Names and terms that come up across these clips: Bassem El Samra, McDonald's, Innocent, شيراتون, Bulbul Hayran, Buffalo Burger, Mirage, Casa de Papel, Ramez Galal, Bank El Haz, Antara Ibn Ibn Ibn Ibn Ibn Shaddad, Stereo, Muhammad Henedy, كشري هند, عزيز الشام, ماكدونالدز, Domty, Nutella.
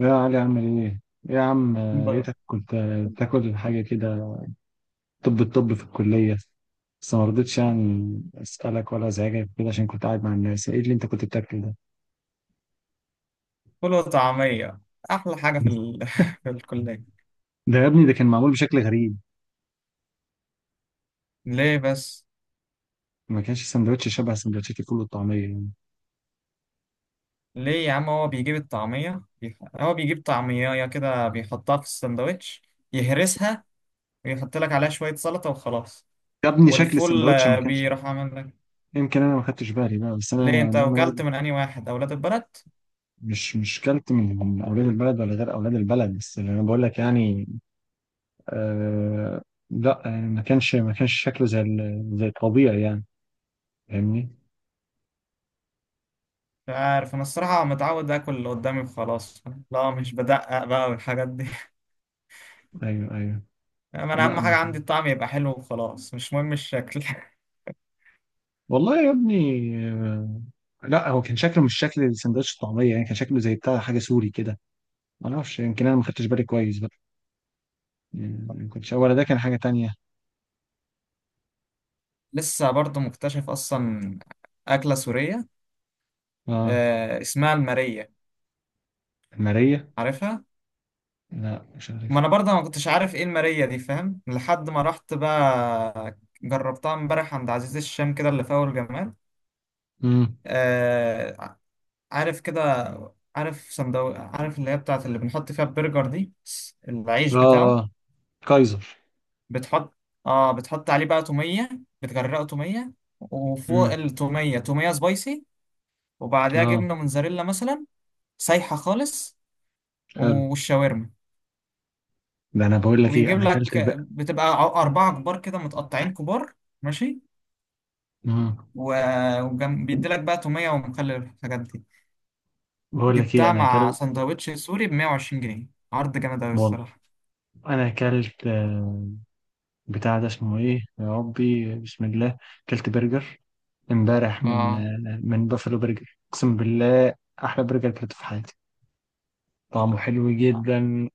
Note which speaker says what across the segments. Speaker 1: يا علي عامل ايه؟ إيه يا عم.
Speaker 2: بره.
Speaker 1: لقيتك كنت تاكل حاجة كده. طب الطب في الكلية. بس ما رضيتش يعني اسألك ولا ازعجك كده عشان كنت قاعد مع الناس. ايه اللي انت كنت بتاكله ده؟
Speaker 2: فول وطعمية، أحلى حاجة في الكلية.
Speaker 1: ده يا ابني ده كان معمول بشكل غريب.
Speaker 2: ليه بس؟
Speaker 1: ما كانش سندوتش شبه سندوتشات الفول والطعمية يعني.
Speaker 2: ليه يا عم، هو بيجيب الطعمية هو بيجيب طعمية كده بيحطها في السندوتش، يهرسها ويحط لك عليها شوية سلطة وخلاص.
Speaker 1: يا ابني شكل
Speaker 2: والفول
Speaker 1: السندوتش ما
Speaker 2: آه،
Speaker 1: كانش.
Speaker 2: بيروح عامل لك.
Speaker 1: يمكن انا ما خدتش بالي بقى، بس انا
Speaker 2: ليه أنت
Speaker 1: انا
Speaker 2: وجلت
Speaker 1: برضه
Speaker 2: من أنهي واحد أولاد البلد؟
Speaker 1: مش كلت من اولاد البلد ولا غير اولاد البلد، بس اللي انا بقول لك يعني. آه. لا يعني ما كانش شكله زي زي الطبيعي يعني. فاهمني؟
Speaker 2: مش عارف، أنا الصراحة متعود آكل اللي قدامي وخلاص. لا مش بدقق بقى والحاجات دي
Speaker 1: ايوه، ايوه.
Speaker 2: أنا
Speaker 1: لا
Speaker 2: أهم حاجة
Speaker 1: مش.
Speaker 2: عندي الطعم يبقى حلو وخلاص، مش مهم الشكل
Speaker 1: والله يا ابني. آه. لا هو كان شكله مش شكل سندوتش الطعميه يعني، كان شكله زي بتاع حاجه سوري كده. ما اعرفش، يمكن انا ما خدتش بالي كويس بقى. يعني ما كنتش، ولا ده كان حاجه تانية.
Speaker 2: لسه برضه مكتشف اصلا اكله سوريه.
Speaker 1: اه.
Speaker 2: آه اسمها الماريه.
Speaker 1: ماريه.
Speaker 2: عارفها.
Speaker 1: لا مش
Speaker 2: ما
Speaker 1: عارف.
Speaker 2: انا برضه ما كنتش عارف ايه الماريه دي، فاهم، لحد ما رحت بقى جربتها امبارح عند عزيز الشام كده اللي في اول جمال.
Speaker 1: امم.
Speaker 2: آه. عارف كده، عارف صندوق، عارف اللي هي بتاعت اللي بنحط فيها البرجر دي، العيش
Speaker 1: اه،
Speaker 2: بتاعه.
Speaker 1: اه. كايزر.
Speaker 2: بتحط، اه بتحط عليه بقى توميه، بتغرقه توميه، وفوق
Speaker 1: امم.
Speaker 2: التوميه توميه سبايسي، وبعدها
Speaker 1: اه.
Speaker 2: جبنه موتزاريلا مثلا، سايحه خالص،
Speaker 1: حلو.
Speaker 2: والشاورما.
Speaker 1: ده انا بقول لك ايه،
Speaker 2: ويجيب
Speaker 1: انا اكلت
Speaker 2: لك،
Speaker 1: بقى.
Speaker 2: بتبقى أربعة كبار كده، متقطعين كبار. ماشي.
Speaker 1: امم.
Speaker 2: وبيدي لك بقى تومية ومخلل والحاجات دي.
Speaker 1: بقول لك ايه
Speaker 2: جبتها
Speaker 1: انا
Speaker 2: مع
Speaker 1: اكلت.
Speaker 2: سندوتش سوري ب 120 جنيه، عرض جامد أوي
Speaker 1: والله
Speaker 2: الصراحة.
Speaker 1: انا اكلت بتاع ده اسمه ايه يا ربي بسم الله. اكلت برجر امبارح من
Speaker 2: اه،
Speaker 1: من بافلو برجر اقسم بالله. احلى برجر اكلته في حياتي. طعمه حلو جدا،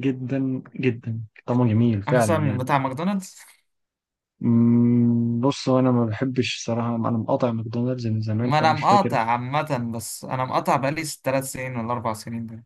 Speaker 1: جدا جدا طعمه جميل فعلا
Speaker 2: أحسن من
Speaker 1: يعني.
Speaker 2: بتاع ماكدونالدز.
Speaker 1: أمم، بص هو انا ما بحبش صراحه، انا مقاطع ماكدونالدز من زمان
Speaker 2: ما أنا
Speaker 1: فمش فاكر.
Speaker 2: مقاطع عامة، بس أنا مقاطع بقالي تلات سنين ولا أربع سنين ده.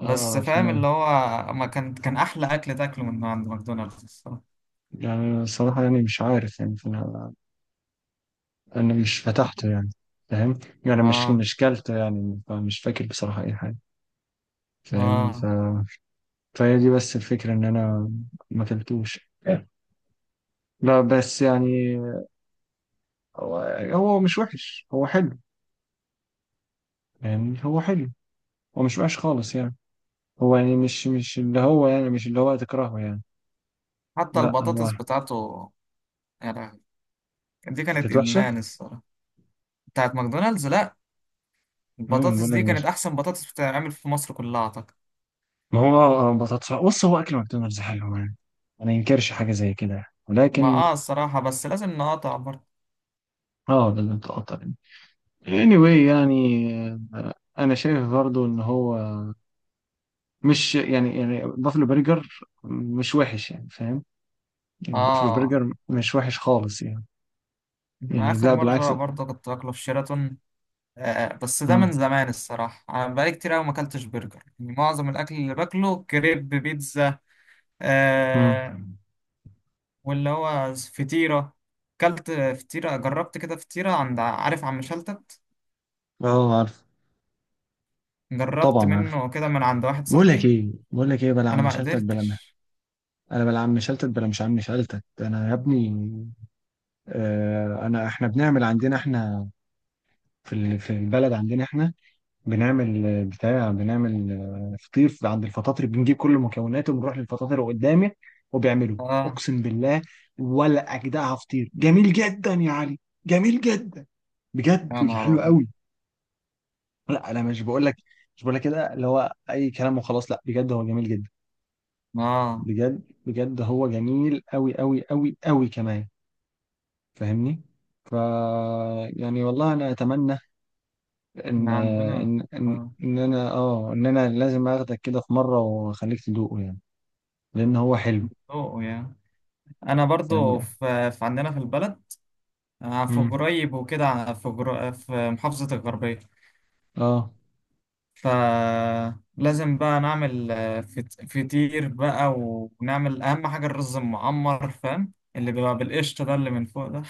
Speaker 2: بس فاهم
Speaker 1: فانا.
Speaker 2: اللي هو ما كان كان أحلى أكل تاكله من عند ماكدونالدز الصراحة.
Speaker 1: يعني صراحه يعني مش عارف يعني، فانا مش فتحته يعني. فاهم. يعني مش
Speaker 2: اه.
Speaker 1: مش كلته يعني فمش فاكر بصراحه اي حاجه. فاهم
Speaker 2: اه.
Speaker 1: فهي دي بس الفكره، ان انا ما كلتوش. لا بس يعني. هو هو مش وحش، هو حلو يعني. هو حلو. هو مش وحش خالص يعني. هو يعني مش اللي هو يعني مش اللي هو تكرهه يعني.
Speaker 2: حتى
Speaker 1: لا هو.
Speaker 2: البطاطس بتاعته، يعني دي كانت
Speaker 1: كانت وحشة.
Speaker 2: إدمان الصراحة، بتاعت ماكدونالدز. لا
Speaker 1: أمم،
Speaker 2: البطاطس
Speaker 1: بقول لك
Speaker 2: دي كانت
Speaker 1: مش.
Speaker 2: احسن بطاطس بتتعمل في مصر كلها اعتقد.
Speaker 1: ما هو بطاطس، بص هو أكل ماكدونالدز حلو يعني. ما ينكرش حاجة زي كده يعني،
Speaker 2: ما
Speaker 1: ولكن.
Speaker 2: اه الصراحه بس لازم نقاطع برضه.
Speaker 1: اه لازم تقطع يعني. anyway يعني. أنا شايف برضو إن هو مش يعني، يعني بافلو برجر مش وحش يعني فاهم. يعني بافلو
Speaker 2: اه.
Speaker 1: برجر مش وحش خالص يعني.
Speaker 2: انا
Speaker 1: يعني
Speaker 2: اخر
Speaker 1: لا بالعكس.
Speaker 2: مره برضه كنت باكله في شيراتون. آه. آه، بس ده من زمان الصراحه، انا بقالي كتير قوي ما اكلتش برجر، يعني معظم الاكل اللي باكله كريب بيتزا.
Speaker 1: مم.
Speaker 2: آه. واللي هو فطيره. اكلت فطيره، جربت كده فطيره عند عارف عم شلتت،
Speaker 1: اه عارف.
Speaker 2: جربت
Speaker 1: طبعا عارف.
Speaker 2: منه كده من عند واحد
Speaker 1: بقول لك
Speaker 2: صاحبي.
Speaker 1: ايه بقول لك ايه بلا
Speaker 2: انا
Speaker 1: عم
Speaker 2: ما
Speaker 1: شلتت بلا مه.
Speaker 2: قدرتش.
Speaker 1: انا بلا عم شلتت بلا مش عم شلتت. انا يا ابني آه انا، احنا بنعمل عندنا احنا، في في البلد عندنا احنا، بنعمل بتاع بنعمل فطير، عند الفطاطر بنجيب كل مكوناته ونروح للفطاطر قدامي وبيعملوه
Speaker 2: اه.
Speaker 1: اقسم بالله ولا اجدعها، فطير جميل جدا يا علي، جميل جدا،
Speaker 2: يا
Speaker 1: بجد
Speaker 2: نهار
Speaker 1: حلو
Speaker 2: أبيض.
Speaker 1: قوي. لا انا مش بقول لك، مش بقول لك كده اللي هو اي كلام وخلاص، لا بجد هو جميل جدا،
Speaker 2: اه
Speaker 1: بجد بجد هو جميل أوي أوي أوي أوي كمان، فاهمني؟ ف يعني والله انا اتمنى ان
Speaker 2: احنا عندنا.
Speaker 1: ان ان,
Speaker 2: اه،
Speaker 1: إن انا اه ان انا لازم اخدك كده في مره واخليك تدوقه يعني، لان هو حلو.
Speaker 2: ذوق يعني. انا برضو
Speaker 1: فاهم.
Speaker 2: في عندنا في البلد، آه، في
Speaker 1: امم.
Speaker 2: قريب وكده في في محافظة الغربية.
Speaker 1: اه.
Speaker 2: فلازم بقى نعمل آه، فطير بقى، ونعمل اهم حاجة الرز المعمر، فاهم، اللي بيبقى بالقشطة ده اللي من فوق ده.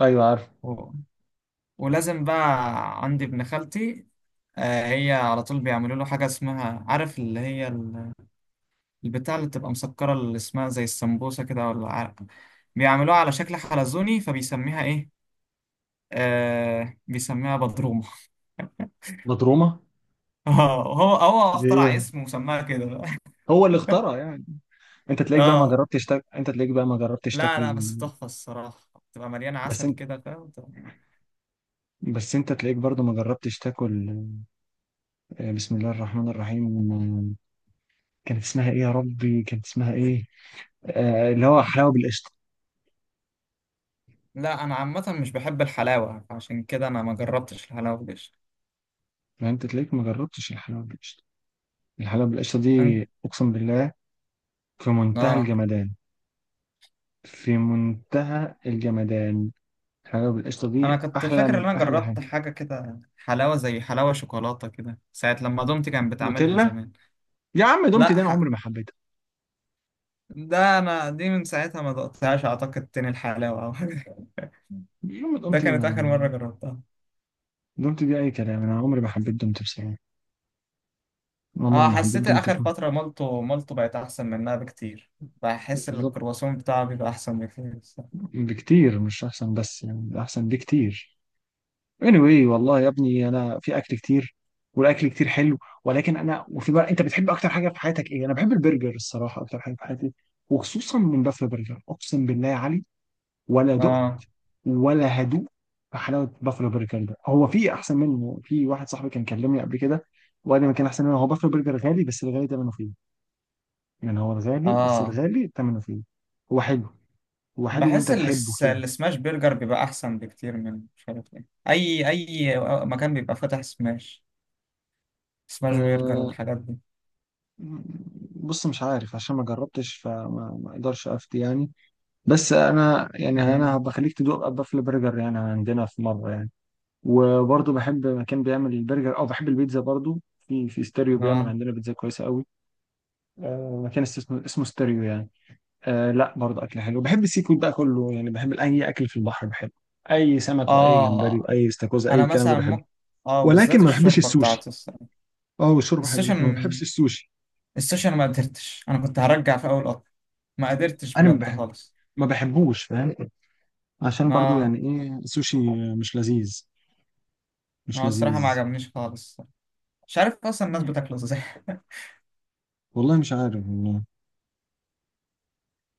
Speaker 1: ايوه عارف.
Speaker 2: و... ولازم بقى عندي ابن خالتي، آه، هي على طول بيعملوا له حاجة اسمها، عارف اللي هي البتاع اللي بتبقى مسكرة اللي اسمها زي السمبوسة كده ولا عرق، بيعملوها على شكل حلزوني فبيسميها ايه، آه بيسميها بدرومة
Speaker 1: مضرومه.
Speaker 2: اه هو
Speaker 1: دي
Speaker 2: اخترع
Speaker 1: إيه؟
Speaker 2: اسم وسماها كده بقى.
Speaker 1: هو اللي اخترع يعني. انت تلاقيك بقى ما
Speaker 2: اه.
Speaker 1: جربتش تاكل، انت تلاقيك بقى ما جربتش
Speaker 2: لا لا
Speaker 1: تاكل.
Speaker 2: بس تحفة الصراحة، بتبقى مليانة
Speaker 1: بس
Speaker 2: عسل
Speaker 1: انت
Speaker 2: كده فاهم.
Speaker 1: بس انت تلاقيك برضو ما جربتش تاكل. بسم الله الرحمن الرحيم. كانت اسمها ايه يا ربي، كانت اسمها ايه. اللي هو حلاوه بالقشطه.
Speaker 2: لا انا عامة مش بحب الحلاوة، عشان كده انا ما جربتش الحلاوة دي.
Speaker 1: يعني انت تلاقيك ما جربتش الحلاوه بالقشطه. الحلاوه بالقشطه دي
Speaker 2: أن...
Speaker 1: اقسم بالله في منتهى
Speaker 2: اه
Speaker 1: الجمدان، في منتهى الجمدان. الحلاوه بالقشطه دي
Speaker 2: انا كنت
Speaker 1: احلى
Speaker 2: فاكر ان
Speaker 1: من
Speaker 2: انا
Speaker 1: احلى حاجه.
Speaker 2: جربت حاجة كده حلاوة، زي حلاوة شوكولاتة كده، ساعة لما دومتي كانت بتعملها
Speaker 1: نوتيلا.
Speaker 2: زمان.
Speaker 1: يا عم دومتي دي
Speaker 2: لا
Speaker 1: انا عمري ما حبيتها.
Speaker 2: ده انا دي من ساعتها ما دقتهاش اعتقد تاني الحلاوه او حاجه.
Speaker 1: يوم
Speaker 2: ده
Speaker 1: دومتي
Speaker 2: كانت
Speaker 1: ما.
Speaker 2: اخر مره جربتها.
Speaker 1: دومتي دي اي كلام، انا عمري ما حبيت دومتي بصراحه، عمري
Speaker 2: اه
Speaker 1: ما حبيت
Speaker 2: حسيت
Speaker 1: دومتي
Speaker 2: اخر
Speaker 1: خالص.
Speaker 2: فتره مالتو بقت احسن منها بكتير. بحس ان
Speaker 1: بالظبط.
Speaker 2: الكرواسون بتاعه بيبقى احسن بكتير الصراحة.
Speaker 1: بكتير، مش احسن بس يعني احسن بكتير. anyway والله يا ابني انا، في اكل كتير والاكل كتير حلو، ولكن انا وفي بقى، انت بتحب اكتر حاجه في حياتك ايه؟ انا بحب البرجر الصراحه اكتر حاجه في حياتي، وخصوصا من بافلو برجر اقسم بالله يا علي، ولا دقت
Speaker 2: اه.
Speaker 1: ولا هدوء في حلاوه بافلو برجر ده. هو في احسن منه، في واحد صاحبي كان كلمني قبل كده وقال لي ما كان احسن منه، هو بافلو برجر غالي بس الغالي ثمنه فيه. يعني هو الغالي بس
Speaker 2: اه
Speaker 1: الغالي ثمنه فيه. هو حلو. هو حلو وانت
Speaker 2: بحس
Speaker 1: تحبه كده.
Speaker 2: السماش برجر بيبقى احسن بكتير من مش عارف ايه اي مكان بيبقى فاتح سماش، سماش برجر
Speaker 1: آه،
Speaker 2: والحاجات دي.
Speaker 1: بص مش عارف عشان ما جربتش، فما ما اقدرش افتي يعني. بس انا يعني، انا
Speaker 2: امم.
Speaker 1: بخليك تدوق بافل برجر يعني عندنا في مره يعني. وبرضه بحب مكان بيعمل البرجر، او بحب البيتزا برضه. في ستيريو بيعمل
Speaker 2: اه.
Speaker 1: عندنا بيتزا كويسه قوي. مكان اسمه ستيريو يعني. لا برضه اكل حلو، بحب السي فود بقى كله يعني، بحب اي اكل في البحر بحبه. اي سمك واي جمبري
Speaker 2: اه
Speaker 1: واي استاكوزا اي
Speaker 2: انا
Speaker 1: الكلام ده
Speaker 2: مثلا
Speaker 1: بحبه.
Speaker 2: ممكن، اه
Speaker 1: ولكن
Speaker 2: بالذات
Speaker 1: ما بحبش
Speaker 2: الشوربه
Speaker 1: السوشي.
Speaker 2: بتاعته الصراحة.
Speaker 1: اه والشوربه حلو لكن ما
Speaker 2: السوشن،
Speaker 1: بحبش السوشي.
Speaker 2: السوشيال ما قدرتش، انا كنت هرجع في اول قطر، ما قدرتش
Speaker 1: انا ما
Speaker 2: بجد
Speaker 1: بحب
Speaker 2: خالص.
Speaker 1: ما بحبوش فاهم، عشان برضو
Speaker 2: ما،
Speaker 1: يعني ايه السوشي، مش لذيذ
Speaker 2: ما
Speaker 1: مش
Speaker 2: هو الصراحه ما
Speaker 1: لذيذ.
Speaker 2: عجبنيش خالص، مش عارف اصلا الناس
Speaker 1: مم.
Speaker 2: بتاكله ازاي
Speaker 1: والله مش عارف والله،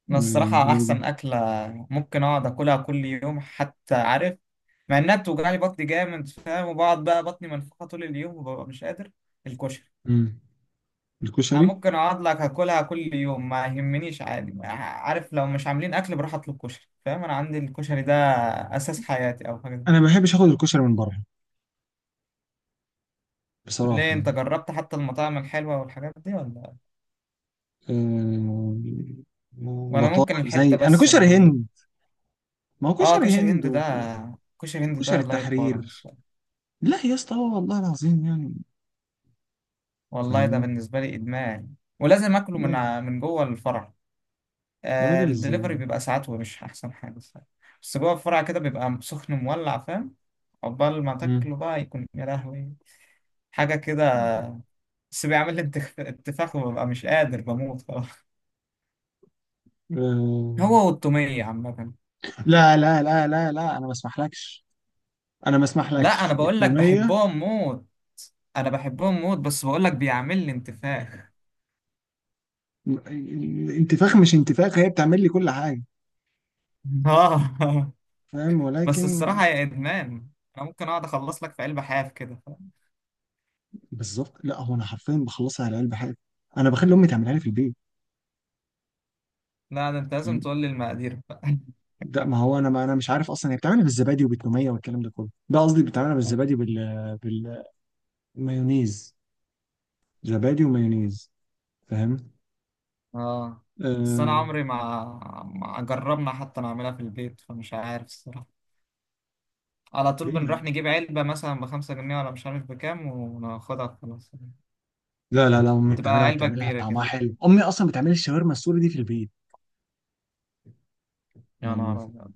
Speaker 2: انا
Speaker 1: يعني
Speaker 2: الصراحه
Speaker 1: انا بجد.
Speaker 2: احسن اكله ممكن اقعد اكلها كل يوم حتى، عارف، مع انها بتوجعلي بطني جامد فاهم وبقعد بقى بطني منفوخه طول اليوم وببقى مش قادر، الكشري.
Speaker 1: مم.
Speaker 2: أنا
Speaker 1: الكشري.
Speaker 2: ممكن اقعد لك اكلها كل يوم ما يهمنيش عادي، عارف، لو مش عاملين اكل بروح اطلب كشري فاهم، انا عندي الكشري ده اساس حياتي او حاجه.
Speaker 1: انا ما بحبش اخد الكشري من بره
Speaker 2: ليه
Speaker 1: بصراحه
Speaker 2: انت
Speaker 1: يعني.
Speaker 2: جربت حتى المطاعم الحلوة والحاجات دي ولا،
Speaker 1: أه...
Speaker 2: ولا
Speaker 1: بطاطا
Speaker 2: ممكن
Speaker 1: زي
Speaker 2: الحتة
Speaker 1: انا
Speaker 2: بس اللي
Speaker 1: كشري
Speaker 2: عندك؟
Speaker 1: هند، ما هو
Speaker 2: اه
Speaker 1: كشري
Speaker 2: كشري
Speaker 1: هند
Speaker 2: هند ده، كشري هند
Speaker 1: وكشري
Speaker 2: ده لا يقارن
Speaker 1: التحرير.
Speaker 2: الصراحة.
Speaker 1: لا يا اسطى، هو والله العظيم يعني
Speaker 2: والله ده
Speaker 1: فاهمني.
Speaker 2: بالنسبة لي إدمان، ولازم آكله
Speaker 1: لا يعني.
Speaker 2: من جوه الفرع.
Speaker 1: يا
Speaker 2: آه
Speaker 1: راجل ازاي؟
Speaker 2: الدليفري بيبقى ساعات ومش أحسن حاجة الصراحة. بس جوه الفرع كده بيبقى سخن مولع فاهم، عقبال ما
Speaker 1: مم.
Speaker 2: تاكله بقى يكون يا لهوي حاجة كده. بس بيعمل لي انتفاخ وببقى مش قادر بموت خلاص.
Speaker 1: أه...
Speaker 2: هو والتومية عامة.
Speaker 1: لا لا لا لا لا انا ما اسمحلكش، انا ما
Speaker 2: لا انا
Speaker 1: اسمحلكش
Speaker 2: بقول لك
Speaker 1: التوميه.
Speaker 2: بحبهم موت، انا بحبهم موت، بس بقول لك بيعمل لي انتفاخ
Speaker 1: الانتفاخ، مش انتفاخ هي بتعمل لي كل حاجه.
Speaker 2: اه
Speaker 1: فاهم.
Speaker 2: بس
Speaker 1: ولكن
Speaker 2: الصراحه يا ادمان، انا ممكن اقعد اخلص لك في قلب حاف كده.
Speaker 1: بالظبط لا هو، انا حرفيا بخلصها على قلب حاجه. انا بخلي امي تعملها لي في البيت.
Speaker 2: لا ده انت لازم
Speaker 1: فاهم؟
Speaker 2: تقول لي المقادير بقى
Speaker 1: ده ما هو انا ما انا مش عارف اصلا، هي بتعملها بالزبادي وبالتوميه والكلام ده كله، ده قصدي بتعملها بالزبادي وبال بالمايونيز. زبادي ومايونيز. فاهم.
Speaker 2: اه بس انا
Speaker 1: آه...
Speaker 2: عمري ما، ما جربنا حتى نعملها في البيت فمش عارف الصراحه، على طول
Speaker 1: ليه
Speaker 2: بنروح
Speaker 1: يعني؟
Speaker 2: نجيب علبه مثلا ب 5 جنيه ولا مش عارف بكام وناخدها خلاص.
Speaker 1: لا لا لا، امي
Speaker 2: تبقى
Speaker 1: بتعملها
Speaker 2: علبه
Speaker 1: وبتعملها
Speaker 2: كبيره كده.
Speaker 1: طعمها حلو، امي اصلا بتعمل الشاورما السوري دي في البيت
Speaker 2: يا
Speaker 1: يعني.
Speaker 2: نهار ابيض.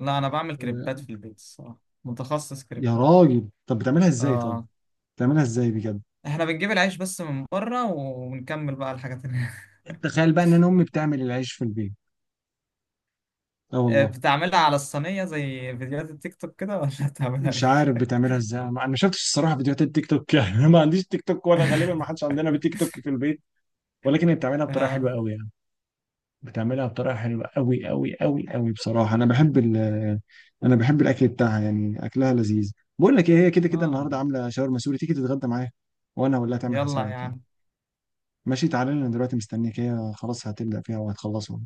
Speaker 2: لا انا بعمل كريبات في
Speaker 1: آه...
Speaker 2: البيت الصراحه، متخصص
Speaker 1: يا
Speaker 2: كريبات.
Speaker 1: راجل طب بتعملها ازاي طيب،
Speaker 2: اه
Speaker 1: بتعملها ازاي بجد.
Speaker 2: احنا بنجيب العيش بس من بره ونكمل بقى الحاجات اللي
Speaker 1: تخيل بقى ان انا امي بتعمل العيش في البيت. اه
Speaker 2: آه،
Speaker 1: والله.
Speaker 2: بتعملها على الصينية زي فيديوهات التيك توك كده، ولا بتعملها
Speaker 1: مش عارف
Speaker 2: ايه؟
Speaker 1: بتعملها ازاي. انا ما أنا ما شفتش الصراحه فيديوهات التيك توك يعني. أنا ما عنديش تيك توك، ولا غالبا ما حدش عندنا بتيك توك في البيت. ولكن هي بتعملها بطريقه حلوه
Speaker 2: اه.
Speaker 1: قوي يعني، بتعملها بطريقه حلوه قوي قوي قوي قوي بصراحه. انا بحب ال، انا بحب الاكل بتاعها يعني، اكلها لذيذ. بقول لك ايه، هي كده كده
Speaker 2: اه.
Speaker 1: النهارده عامله شاورما سوري، تيجي تتغدى معايا؟ وانا هقول لها تعمل
Speaker 2: يلا يا
Speaker 1: حسابك يعني.
Speaker 2: عم.
Speaker 1: ماشي تعالى لي، انا دلوقتي مستنيك، هي خلاص هتبدا فيها وهتخلصها.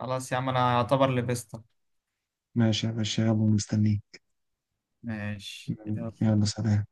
Speaker 2: خلاص يا عم انا اعتبر لبستك.
Speaker 1: ماشي يا باشا يلا مستنيك.
Speaker 2: ماشي يلا.
Speaker 1: يلا سلام.